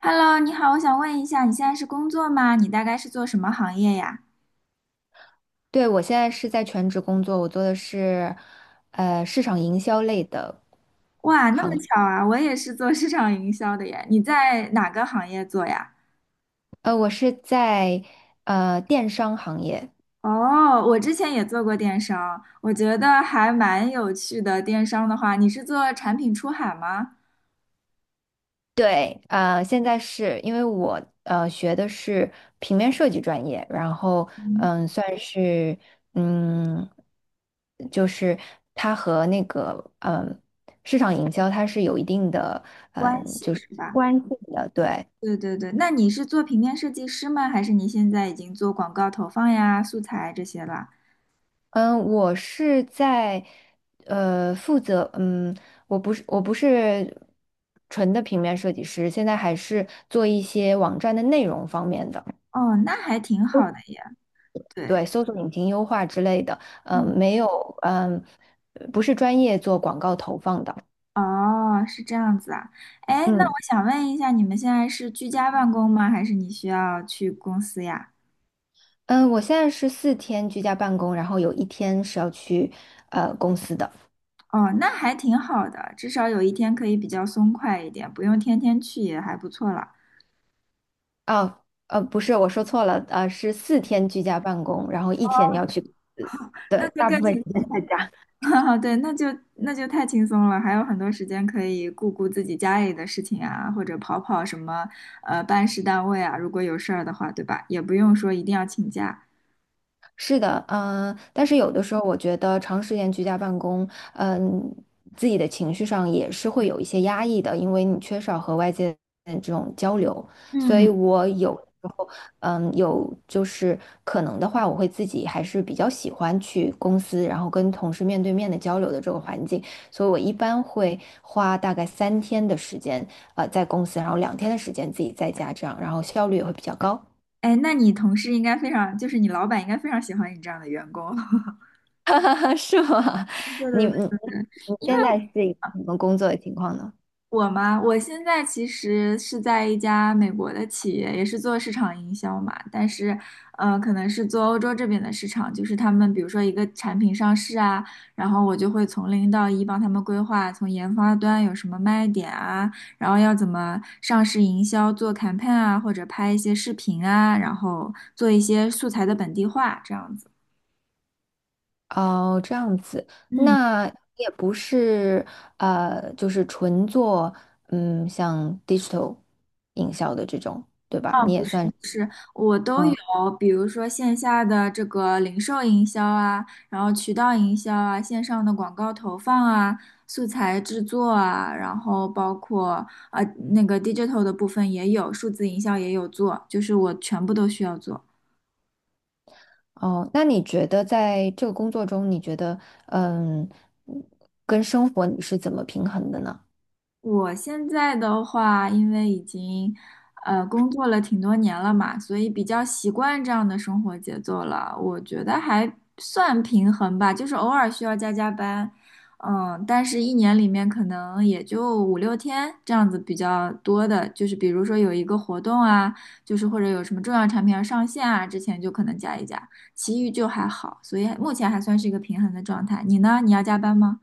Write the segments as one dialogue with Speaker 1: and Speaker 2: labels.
Speaker 1: Hello，你好，我想问一下，你现在是工作吗？你大概是做什么行业呀？
Speaker 2: 对，我现在是在全职工作，我做的是市场营销类的，
Speaker 1: 哇，那么巧啊，我也是做市场营销的耶。你在哪个行业做呀？
Speaker 2: 我是在电商行业。
Speaker 1: 哦，我之前也做过电商，我觉得还蛮有趣的。电商的话，你是做产品出海吗？
Speaker 2: 对，现在是因为我学的是平面设计专业，然后
Speaker 1: 嗯，
Speaker 2: 算是嗯，就是它和那个市场营销它是有一定的
Speaker 1: 关系是吧？
Speaker 2: 关系的，对，
Speaker 1: 对对对，那你是做平面设计师吗？还是你现在已经做广告投放呀、素材这些了？
Speaker 2: 嗯，我是在负责，我不是纯的平面设计师，现在还是做一些网站的内容方面的，
Speaker 1: 哦，那还挺好的耶。对。
Speaker 2: 对，搜索引擎优化之类的，
Speaker 1: 嗯
Speaker 2: 嗯，没有，嗯，不是专业做广告投放的，
Speaker 1: 哦，是这样子啊。哎，那我
Speaker 2: 嗯
Speaker 1: 想问一下，你们现在是居家办公吗？还是你需要去公司呀？
Speaker 2: 嗯，我现在是四天居家办公，然后有一天是要去公司的，
Speaker 1: 哦，那还挺好的，至少有一天可以比较松快一点，不用天天去也还不错了。
Speaker 2: 啊不是，我说错了，是四天居家办公，然后一
Speaker 1: 哦，
Speaker 2: 天要去，
Speaker 1: 那就
Speaker 2: 大部
Speaker 1: 更
Speaker 2: 分
Speaker 1: 轻
Speaker 2: 时间
Speaker 1: 松，
Speaker 2: 在家。
Speaker 1: 对，那就太轻松了，还有很多时间可以顾顾自己家里的事情啊，或者跑跑什么办事单位啊，如果有事儿的话，对吧？也不用说一定要请假。
Speaker 2: 是的，但是有的时候我觉得长时间居家办公，嗯、自己的情绪上也是会有一些压抑的，因为你缺少和外界的这种交流，所以
Speaker 1: 嗯。
Speaker 2: 我有时候，嗯，有就是可能的话，我会自己还是比较喜欢去公司，然后跟同事面对面的交流的这个环境，所以我一般会花大概三天的时间，在公司，然后两天的时间自己在家这样，然后效率也会比较高。
Speaker 1: 哎，那你同事应该非常，就是你老板应该非常喜欢你这样的员工。
Speaker 2: 是吗？
Speaker 1: 对
Speaker 2: 你
Speaker 1: 对对
Speaker 2: 你
Speaker 1: 对对，
Speaker 2: 你
Speaker 1: 因为
Speaker 2: 现在是一个什么工作的情况呢？
Speaker 1: 我嘛，我现在其实是在一家美国的企业，也是做市场营销嘛，但是，可能是做欧洲这边的市场，就是他们比如说一个产品上市啊，然后我就会从零到一帮他们规划，从研发端有什么卖点啊，然后要怎么上市营销，做 campaign 啊，或者拍一些视频啊，然后做一些素材的本地化，这样子。
Speaker 2: 哦，这样子，
Speaker 1: 嗯。
Speaker 2: 那也不是就是纯做像 digital 营销的这种，对吧？
Speaker 1: 啊，
Speaker 2: 你
Speaker 1: 不
Speaker 2: 也
Speaker 1: 是，
Speaker 2: 算是
Speaker 1: 我都有，
Speaker 2: 嗯，
Speaker 1: 比如说线下的这个零售营销啊，然后渠道营销啊，线上的广告投放啊，素材制作啊，然后包括那个 digital 的部分也有，数字营销也有做，就是我全部都需要做。
Speaker 2: 哦，那你觉得在这个工作中，你觉得嗯，跟生活你是怎么平衡的呢？
Speaker 1: 我现在的话，因为已经工作了挺多年了嘛，所以比较习惯这样的生活节奏了。我觉得还算平衡吧，就是偶尔需要加加班，嗯，但是一年里面可能也就5、6天这样子比较多的，就是比如说有一个活动啊，就是或者有什么重要产品要上线啊，之前就可能加一加，其余就还好，所以目前还算是一个平衡的状态。你呢？你要加班吗？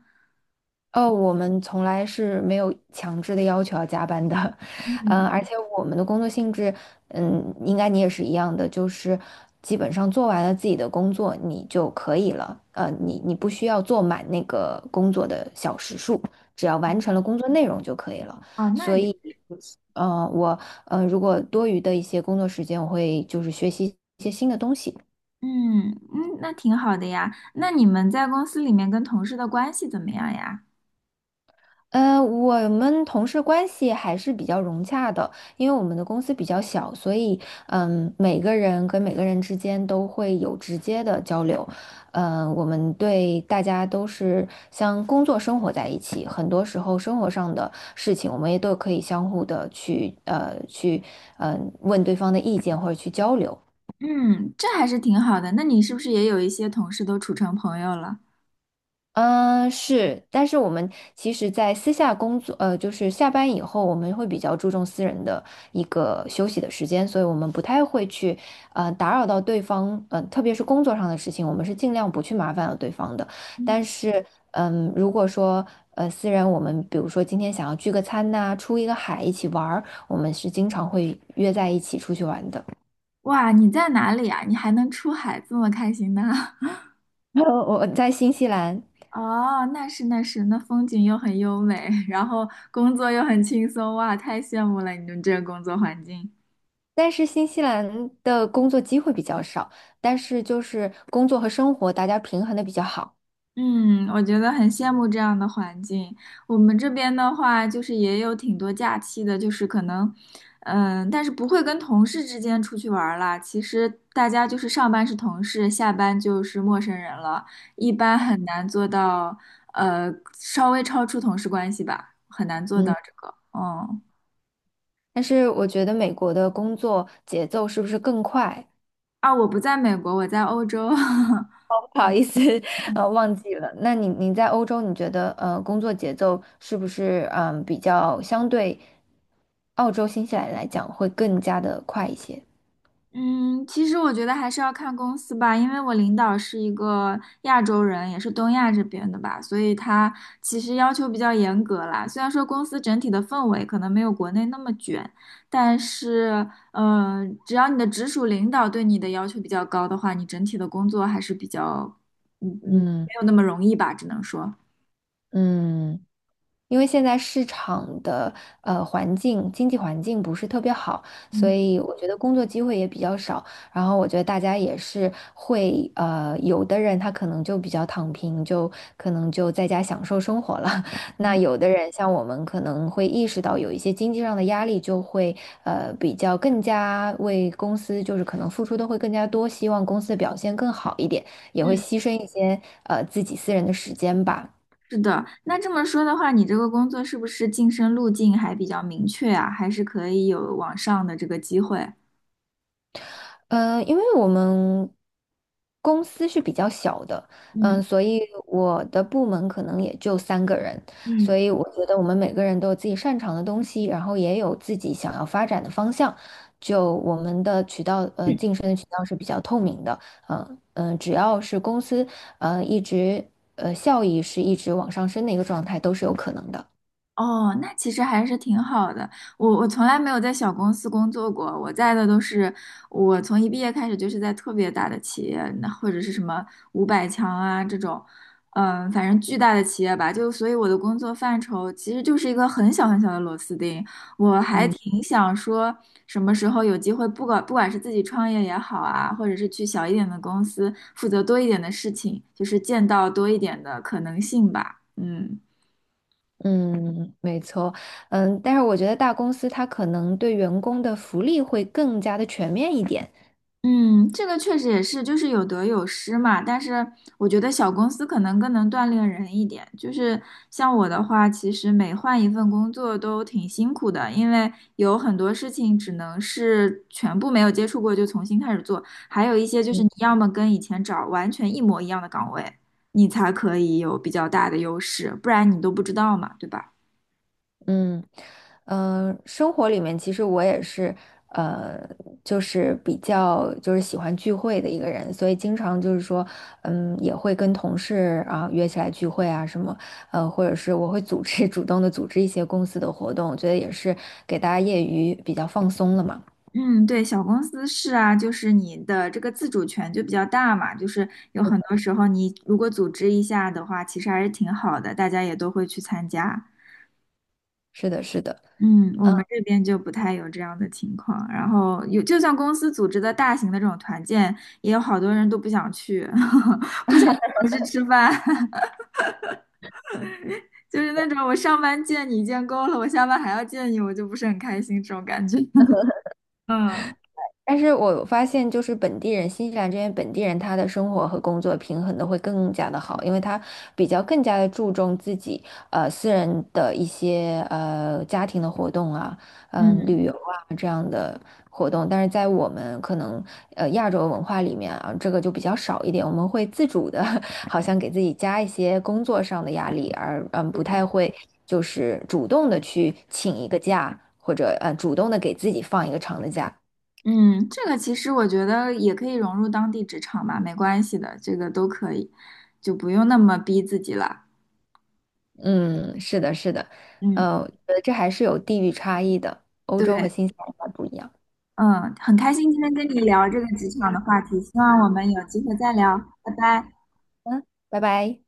Speaker 2: 哦，我们从来是没有强制的要求要加班的，
Speaker 1: 嗯，
Speaker 2: 而且我们的工作性质，应该你也是一样的，就是基本上做完了自己的工作，你就可以了，你不需要做满那个工作的小时数，只要完成了工作内容就可以了。
Speaker 1: 哦，那
Speaker 2: 所以，呃，我如果多余的一些工作时间，我会就是学习一些新的东西。
Speaker 1: 嗯嗯，那挺好的呀。那你们在公司里面跟同事的关系怎么样呀？
Speaker 2: 我们同事关系还是比较融洽的，因为我们的公司比较小，所以每个人跟每个人之间都会有直接的交流。嗯，我们对大家都是像工作生活在一起，很多时候生活上的事情，我们也都可以相互的去去问对方的意见或者去交流。
Speaker 1: 嗯，这还是挺好的。那你是不是也有一些同事都处成朋友了？
Speaker 2: 嗯，是，但是我们其实，在私下工作，就是下班以后，我们会比较注重私人的一个休息的时间，所以我们不太会去，打扰到对方，特别是工作上的事情，我们是尽量不去麻烦到对方的。但
Speaker 1: 嗯，
Speaker 2: 是，如果说，私人，我们比如说今天想要聚个餐呐、出一个海，一起玩儿，我们是经常会约在一起出去玩的。
Speaker 1: 哇，你在哪里呀？你还能出海这么开心呢？
Speaker 2: 我在新西兰，
Speaker 1: 哦，那是那是，那风景又很优美，然后工作又很轻松，哇，太羡慕了你们这个工作环境。
Speaker 2: 但是新西兰的工作机会比较少，但是就是工作和生活大家平衡的比较好。
Speaker 1: 嗯，我觉得很羡慕这样的环境。我们这边的话，就是也有挺多假期的，就是可能，嗯，但是不会跟同事之间出去玩儿啦。其实大家就是上班是同事，下班就是陌生人了，一般很难做到，稍微超出同事关系吧，很难做到
Speaker 2: 嗯，
Speaker 1: 这个。嗯，
Speaker 2: 但是我觉得美国的工作节奏是不是更快？
Speaker 1: 啊，我不在美国，我在欧洲。
Speaker 2: 不好意思，忘记了。那你在欧洲，你觉得工作节奏是不是比较相对澳洲、新西兰来讲会更加的快一些？
Speaker 1: 嗯，其实我觉得还是要看公司吧，因为我领导是一个亚洲人，也是东亚这边的吧，所以他其实要求比较严格啦。虽然说公司整体的氛围可能没有国内那么卷，但是，嗯，只要你的直属领导对你的要求比较高的话，你整体的工作还是比较，嗯嗯，
Speaker 2: 嗯
Speaker 1: 没有那么容易吧，只能说，
Speaker 2: 嗯。因为现在市场的环境、经济环境不是特别好，所
Speaker 1: 嗯
Speaker 2: 以我觉得工作机会也比较少。然后我觉得大家也是会有的人他可能就比较躺平，就可能就在家享受生活了。那
Speaker 1: 嗯
Speaker 2: 有的人像我们可能会意识到有一些经济上的压力，就会比较更加为公司就是可能付出的会更加多，希望公司的表现更好一点，也会
Speaker 1: 嗯。
Speaker 2: 牺牲一些自己私人的时间吧。
Speaker 1: 是的，那这么说的话，你这个工作是不是晋升路径还比较明确啊？还是可以有往上的这个机会？
Speaker 2: 嗯，因为我们公司是比较小的，
Speaker 1: 嗯。
Speaker 2: 嗯，所以我的部门可能也就三个人，所
Speaker 1: 嗯，
Speaker 2: 以我觉得我们每个人都有自己擅长的东西，然后也有自己想要发展的方向，就我们的渠道，晋升的渠道是比较透明的，只要是公司，一直效益是一直往上升的一个状态，都是有可能的。
Speaker 1: 哦，那其实还是挺好的。我从来没有在小公司工作过，我在的都是我从一毕业开始就是在特别大的企业，那或者是什么500强啊这种，嗯，反正巨大的企业吧。就所以我的工作范畴其实就是一个很小很小的螺丝钉。我还
Speaker 2: 嗯。
Speaker 1: 挺想说，什么时候有机会，不管是自己创业也好啊，或者是去小一点的公司负责多一点的事情，就是见到多一点的可能性吧。嗯。
Speaker 2: 嗯，没错，嗯，但是我觉得大公司它可能对员工的福利会更加的全面一点。
Speaker 1: 嗯，这个确实也是，就是有得有失嘛。但是我觉得小公司可能更能锻炼人一点。就是像我的话，其实每换一份工作都挺辛苦的，因为有很多事情只能是全部没有接触过就重新开始做，还有一些就是你要么跟以前找完全一模一样的岗位，你才可以有比较大的优势，不然你都不知道嘛，对吧？
Speaker 2: 嗯，嗯，生活里面其实我也是，呃，就是比较就是喜欢聚会的一个人，所以经常就是说，也会跟同事啊约起来聚会啊什么，或者是我会组织 主动的组织一些公司的活动，我觉得也是给大家业余比较放松了嘛。
Speaker 1: 嗯，对，小公司是啊，就是你的这个自主权就比较大嘛，就是有很多时候你如果组织一下的话，其实还是挺好的，大家也都会去参加。
Speaker 2: 是的，是的。
Speaker 1: 嗯，我
Speaker 2: 嗯。
Speaker 1: 们这边就不太有这样的情况，然后有，就算公司组织的大型的这种团建，也有好多人都不想去，不想回去吃饭，就是那种我上班见你见够了，我下班还要见你，我就不是很开心这种感觉。嗯
Speaker 2: 但是我发现，就是本地人，新西兰这边本地人，他的生活和工作平衡的会更加的好，因为他比较更加的注重自己私人的一些家庭的活动啊，
Speaker 1: 嗯，
Speaker 2: 旅游啊这样的活动。但是在我们可能亚洲文化里面啊，这个就比较少一点，我们会自主的，好像给自己加一些工作上的压力，而不太
Speaker 1: 对。
Speaker 2: 会就是主动的去请一个假，或者主动的给自己放一个长的假。
Speaker 1: 嗯，这个其实我觉得也可以融入当地职场吧，没关系的，这个都可以，就不用那么逼自己了。
Speaker 2: 嗯，是的，是的，
Speaker 1: 嗯，
Speaker 2: 我觉得这还是有地域差异的，欧
Speaker 1: 对，
Speaker 2: 洲和新西兰还不一样。
Speaker 1: 嗯，很开心今天跟你聊这个职场的话题，希望我们有机会再聊，拜拜。
Speaker 2: 嗯，拜拜。